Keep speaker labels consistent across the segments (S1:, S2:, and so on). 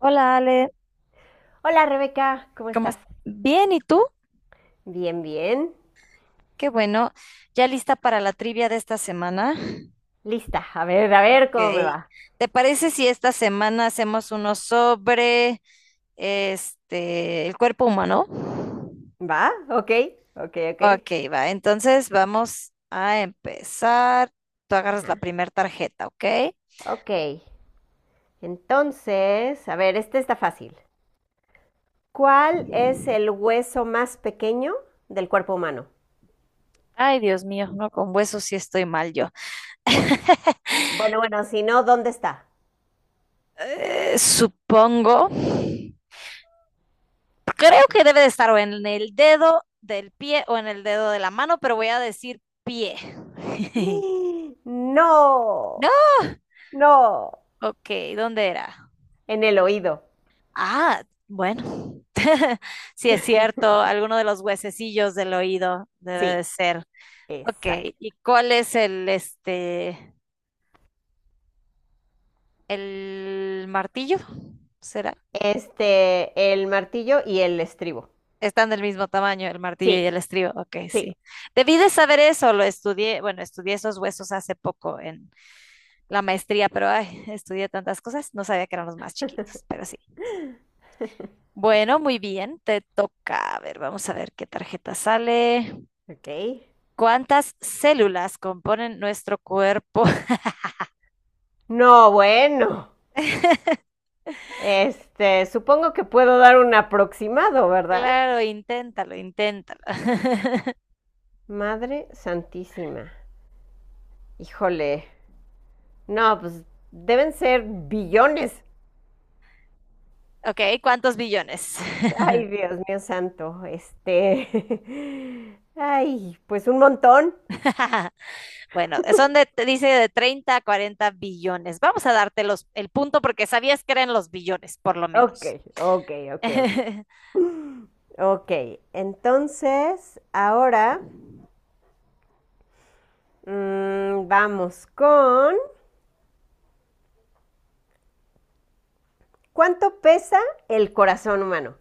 S1: Hola Ale.
S2: Hola Rebeca, ¿cómo
S1: ¿Cómo
S2: estás?
S1: es Bien, ¿y tú?
S2: Bien, bien.
S1: Qué bueno. ¿Ya lista para la trivia de esta semana?
S2: Lista. A ver cómo me
S1: Ok.
S2: va.
S1: ¿Te parece si esta semana hacemos uno sobre el cuerpo humano?
S2: ¿Va? Ok, ok, ok.
S1: Ok, va. Entonces vamos a empezar. Tú agarras la
S2: Ajá.
S1: primera tarjeta, ¿ok?
S2: Ok. Entonces, a ver, está fácil. ¿Cuál es el hueso más pequeño del cuerpo humano?
S1: Ay, Dios mío. No, con huesos sí estoy mal yo.
S2: Bueno, bueno, si no, ¿dónde está?
S1: Supongo. Creo que debe de estar o en el dedo del pie o en el dedo de la mano, pero voy a decir pie. No,
S2: No, no.
S1: ok, ¿dónde era?
S2: En el oído.
S1: Ah, bueno, sí es cierto, alguno de los huesecillos del oído debe de
S2: Sí,
S1: ser. Ok,
S2: exacto.
S1: ¿y cuál es el martillo? ¿Será?
S2: Este, el martillo y el estribo.
S1: Están del mismo tamaño, el martillo y
S2: Sí,
S1: el estribo. Ok,
S2: sí.
S1: sí. Debí de saber eso, lo estudié, bueno, estudié esos huesos hace poco en la maestría, pero ay, estudié tantas cosas, no sabía que eran los más chiquitos, pero sí. Bueno, muy bien, te toca. A ver, vamos a ver qué tarjeta sale.
S2: Ok.
S1: ¿Cuántas células componen nuestro cuerpo?
S2: No, bueno. Supongo que puedo dar un aproximado, ¿verdad?
S1: Claro, inténtalo, inténtalo.
S2: Madre Santísima. Híjole. No, pues deben ser billones.
S1: Ok, ¿cuántos billones?
S2: Ay, Dios mío santo. Ay, pues un montón.
S1: Bueno, te dice de 30 a 40 billones. Vamos a darte el punto porque sabías que eran los billones, por lo
S2: Ok,
S1: menos.
S2: ok, ok, ok. Ok, entonces ahora vamos con ¿cuánto pesa el corazón humano?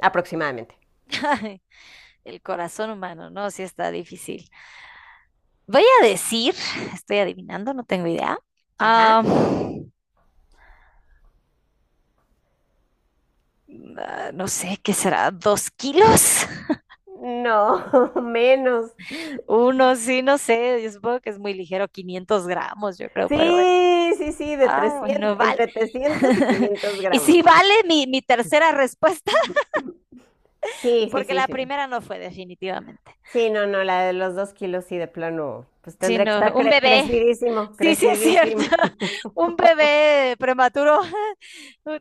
S2: Aproximadamente.
S1: Ay, el corazón humano, ¿no? Sí está difícil. Voy a decir, estoy adivinando, no tengo idea.
S2: Ajá.
S1: Ah, no sé, ¿qué será? ¿2 kilos?
S2: No, menos.
S1: Uno, sí, no sé. Yo supongo que es muy ligero, 500 gramos, yo creo, pero bueno.
S2: Sí, sí, sí, de
S1: Ah,
S2: 300
S1: bueno, vale.
S2: entre 300 y 500
S1: Y sí
S2: gramos.
S1: vale mi tercera respuesta,
S2: Sí, sí,
S1: porque
S2: sí,
S1: la
S2: sí.
S1: primera no fue definitivamente,
S2: Sí, no, no, la de los 2 kilos sí, de plano, pues tendría que
S1: sino
S2: estar
S1: un bebé.
S2: crecidísimo,
S1: Sí, sí, es cierto.
S2: crecidísimo.
S1: Un bebé prematuro.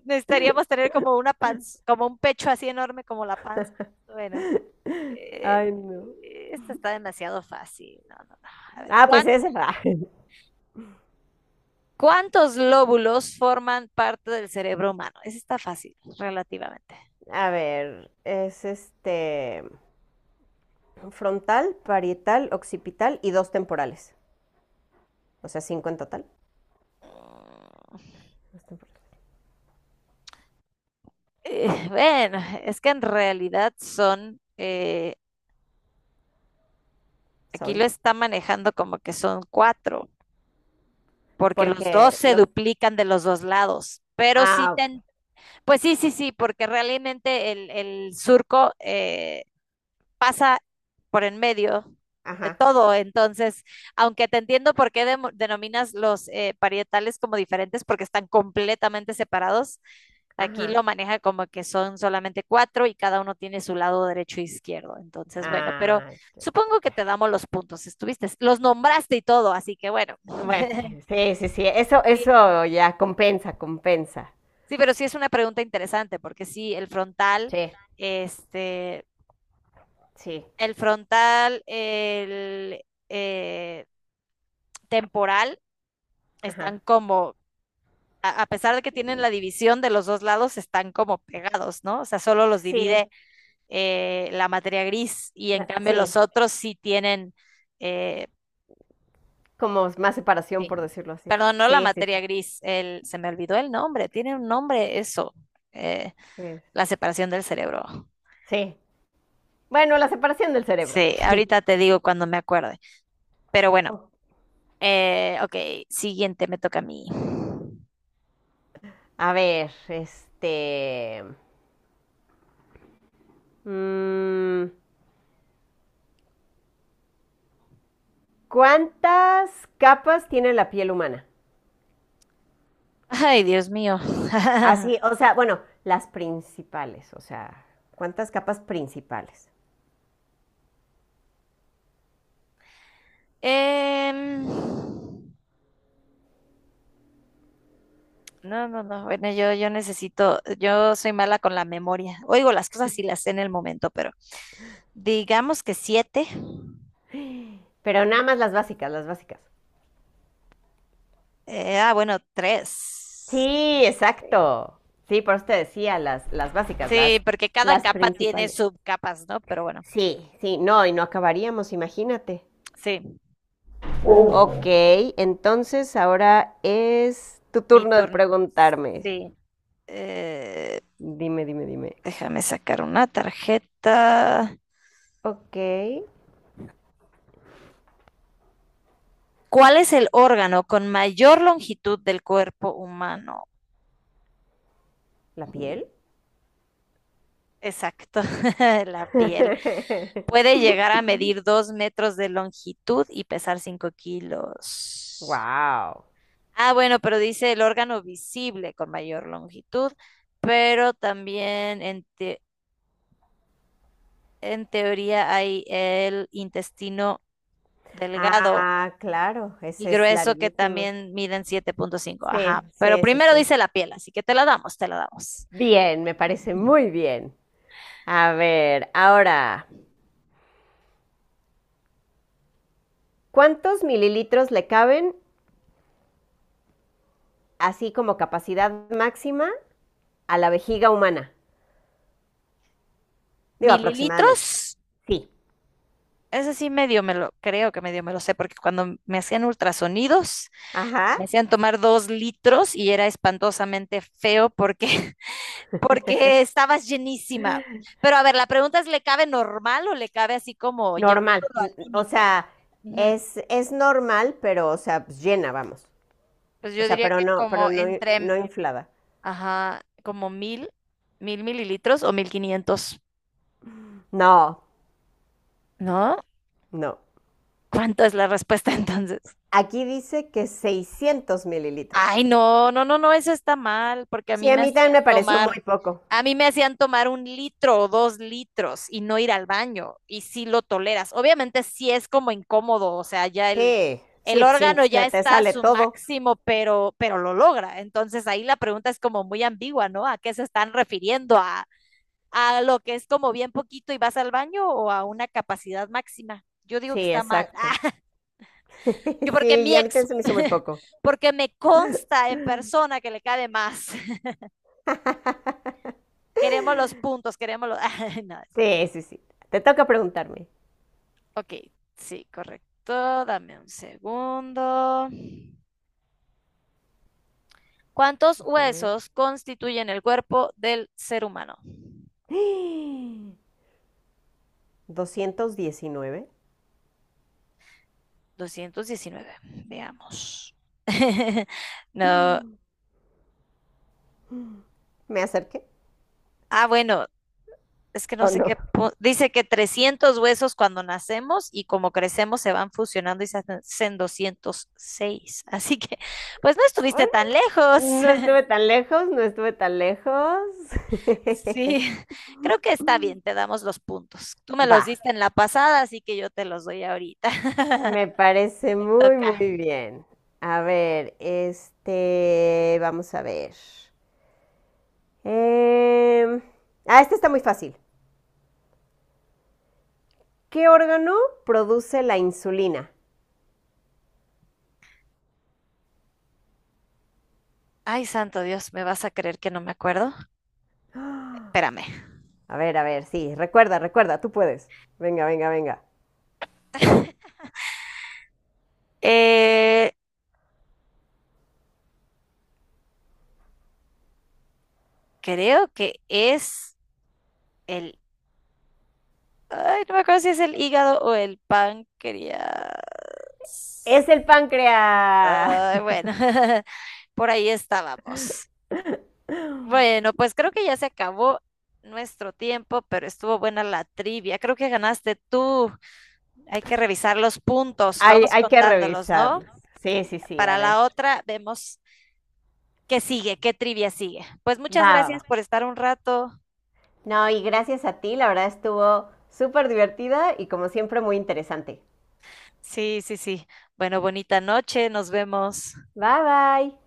S1: Necesitaríamos tener como una panza, como un pecho así enorme como la panza. Bueno. Eh,
S2: Ay, no.
S1: Esta está demasiado fácil. No, no, no. A ver,
S2: Ah, pues ese va.
S1: ¿cuántos lóbulos forman parte del cerebro humano? Esa está fácil, relativamente.
S2: A ver, es frontal, parietal, occipital y dos temporales. O sea, cinco en total.
S1: Mm,
S2: Dos temporales.
S1: bueno, es que en realidad aquí lo
S2: Son.
S1: está manejando como que son cuatro, porque los dos
S2: Porque
S1: se
S2: los...
S1: duplican de los dos lados. Pero sí,
S2: Ah, ok.
S1: pues sí, sí, sí, porque realmente el surco pasa por en medio de
S2: Ajá,
S1: todo. Entonces, aunque te entiendo por qué denominas los parietales como diferentes, porque están completamente separados, aquí
S2: ajá.
S1: lo maneja como que son solamente cuatro y cada uno tiene su lado derecho e izquierdo. Entonces, bueno, pero
S2: Ah, ya, ya,
S1: supongo que te
S2: ya.
S1: damos los puntos. Estuviste, los nombraste y todo, así que bueno.
S2: Bueno, sí, sí, sí, sí, Eso,
S1: Sí,
S2: eso ya compensa, compensa.
S1: sí, pero sí es una pregunta interesante, porque sí,
S2: Sí,
S1: este,
S2: sí,
S1: el frontal, el temporal
S2: ajá.
S1: están como, a pesar de que tienen la división de los dos lados, están como pegados, ¿no? O sea, solo los divide
S2: Sí,
S1: la materia gris y en cambio los
S2: sí.
S1: otros sí tienen. eh,
S2: Como más separación,
S1: Sí.
S2: por decirlo así.
S1: Perdón, no la
S2: Sí, sí,
S1: materia
S2: sí.
S1: gris, se me olvidó el nombre, tiene un nombre eso, eh,
S2: que-
S1: la separación del cerebro.
S2: Sí. Bueno, la separación del cerebro.
S1: Sí, ahorita te digo cuando me acuerde. Pero bueno,
S2: Oh.
S1: ok, siguiente me toca a mí.
S2: A ver, mm, ¿cuántas capas tiene la piel humana?
S1: Ay, Dios mío.
S2: Así, o sea, bueno, las principales, o sea, ¿cuántas capas principales?
S1: Em, No, no, no. Bueno, yo necesito, yo soy mala con la memoria. Oigo las cosas y las sé en el momento, pero digamos que siete.
S2: Pero nada más las básicas, las básicas.
S1: Bueno, tres.
S2: Sí,
S1: Sí.
S2: exacto. Sí, por eso te decía, las básicas,
S1: Sí, porque cada
S2: las
S1: capa tiene
S2: principales.
S1: subcapas, ¿no? Pero bueno,
S2: Sí, sí, no, y no acabaríamos, imagínate.
S1: sí,
S2: Ok, entonces ahora es tu
S1: mi
S2: turno de
S1: turno.
S2: preguntarme.
S1: Sí. Eh,
S2: Dime, dime, dime.
S1: Déjame sacar una tarjeta.
S2: Ok,
S1: ¿Cuál es el órgano con mayor longitud del cuerpo humano?
S2: ¿la piel?
S1: Exacto, la piel. Puede llegar a medir 2 metros de longitud y pesar 5 kilos.
S2: Wow.
S1: Ah, bueno, pero dice el órgano visible con mayor longitud, pero también en teoría hay el intestino delgado
S2: Ah, claro,
S1: y
S2: ese es
S1: grueso que
S2: larguísimo.
S1: también miden 7,5.
S2: Sí,
S1: Ajá, pero
S2: sí, sí,
S1: primero
S2: sí.
S1: dice la piel, así que te la damos, te la damos.
S2: Bien, me parece muy bien. A ver, ahora. ¿Cuántos mililitros le caben, así como capacidad máxima, a la vejiga humana? Digo, aproximadamente.
S1: Mililitros,
S2: Sí,
S1: ese sí medio me lo, creo que medio me lo sé, porque cuando me hacían ultrasonidos
S2: ajá,
S1: me hacían tomar 2 litros y era espantosamente feo porque estabas llenísima. Pero a ver, la pregunta es, ¿le cabe normal o le cabe así como
S2: normal.
S1: llevándolo al
S2: O
S1: límite?
S2: sea,
S1: Ujú.
S2: es normal, pero, o sea, pues, llena, vamos.
S1: Pues
S2: O
S1: yo
S2: sea,
S1: diría
S2: pero
S1: que
S2: no, pero
S1: como
S2: no,
S1: entre,
S2: no inflada.
S1: ajá, como mil mililitros o 1.500,
S2: No,
S1: ¿no?
S2: no.
S1: ¿Cuánto es la respuesta entonces?
S2: Aquí dice que 600 mililitros.
S1: Ay, no, no, no, no, eso está mal, porque
S2: Sí, a mí también me pareció muy poco.
S1: a mí me hacían tomar 1 litro o 2 litros y no ir al baño, y sí lo toleras. Obviamente sí es como incómodo, o sea, ya el,
S2: Sí,
S1: el
S2: sí, pues, si
S1: órgano ya
S2: se te
S1: está a
S2: sale
S1: su
S2: todo.
S1: máximo, pero lo logra. Entonces ahí la pregunta es como muy ambigua, ¿no? ¿A qué se están refiriendo? ¿A lo que es como bien poquito y vas al baño o a una capacidad máxima? Yo digo que
S2: Sí,
S1: está mal.
S2: exacto.
S1: Yo
S2: Sí, y a mí también se me hizo muy poco.
S1: porque me consta en persona que le cabe más. Queremos los puntos, Ay, no, eso.
S2: Sí, sí, sí. Te toca preguntarme.
S1: Ok, sí, correcto. Dame un segundo. ¿Cuántos huesos constituyen el cuerpo del ser humano?
S2: 219.
S1: 219. Veamos. No.
S2: ¿Me acerqué
S1: Ah, bueno, es que no
S2: o
S1: sé
S2: no?
S1: qué, dice que 300 huesos cuando nacemos y como crecemos se van fusionando y se hacen 206. Así que, pues no estuviste tan lejos.
S2: No estuve tan lejos, no estuve tan lejos.
S1: Sí, creo que está bien, te damos los puntos. Tú me
S2: Va,
S1: los diste en la pasada, así que yo te los doy ahorita.
S2: me parece muy,
S1: Toca.
S2: muy bien. A ver, vamos a ver. Em, este está muy fácil. ¿Qué órgano produce la insulina?
S1: Ay, santo Dios, ¿me vas a creer que no me acuerdo? Espérame.
S2: A ver, sí, recuerda, recuerda, tú puedes. Venga, venga, venga.
S1: Eh, Creo que es el... Ay, no me acuerdo si es el hígado o el páncreas.
S2: Es el páncreas.
S1: Ay, bueno, por ahí estábamos. Bueno, pues creo que ya se acabó nuestro tiempo, pero estuvo buena la trivia. Creo que ganaste tú. Hay que revisar los puntos.
S2: Hay,
S1: Vamos
S2: hay que
S1: contándolos, ¿no?
S2: revisarlo. Sí, sí, sí, a
S1: Para
S2: ver.
S1: la otra vemos qué sigue, qué trivia sigue. Pues muchas
S2: Va, va, va.
S1: gracias por estar un rato.
S2: No, y gracias a ti, la verdad estuvo súper divertida y como siempre muy interesante.
S1: Sí, sí, sí. Bueno, bonita noche. Nos vemos.
S2: Bye, bye.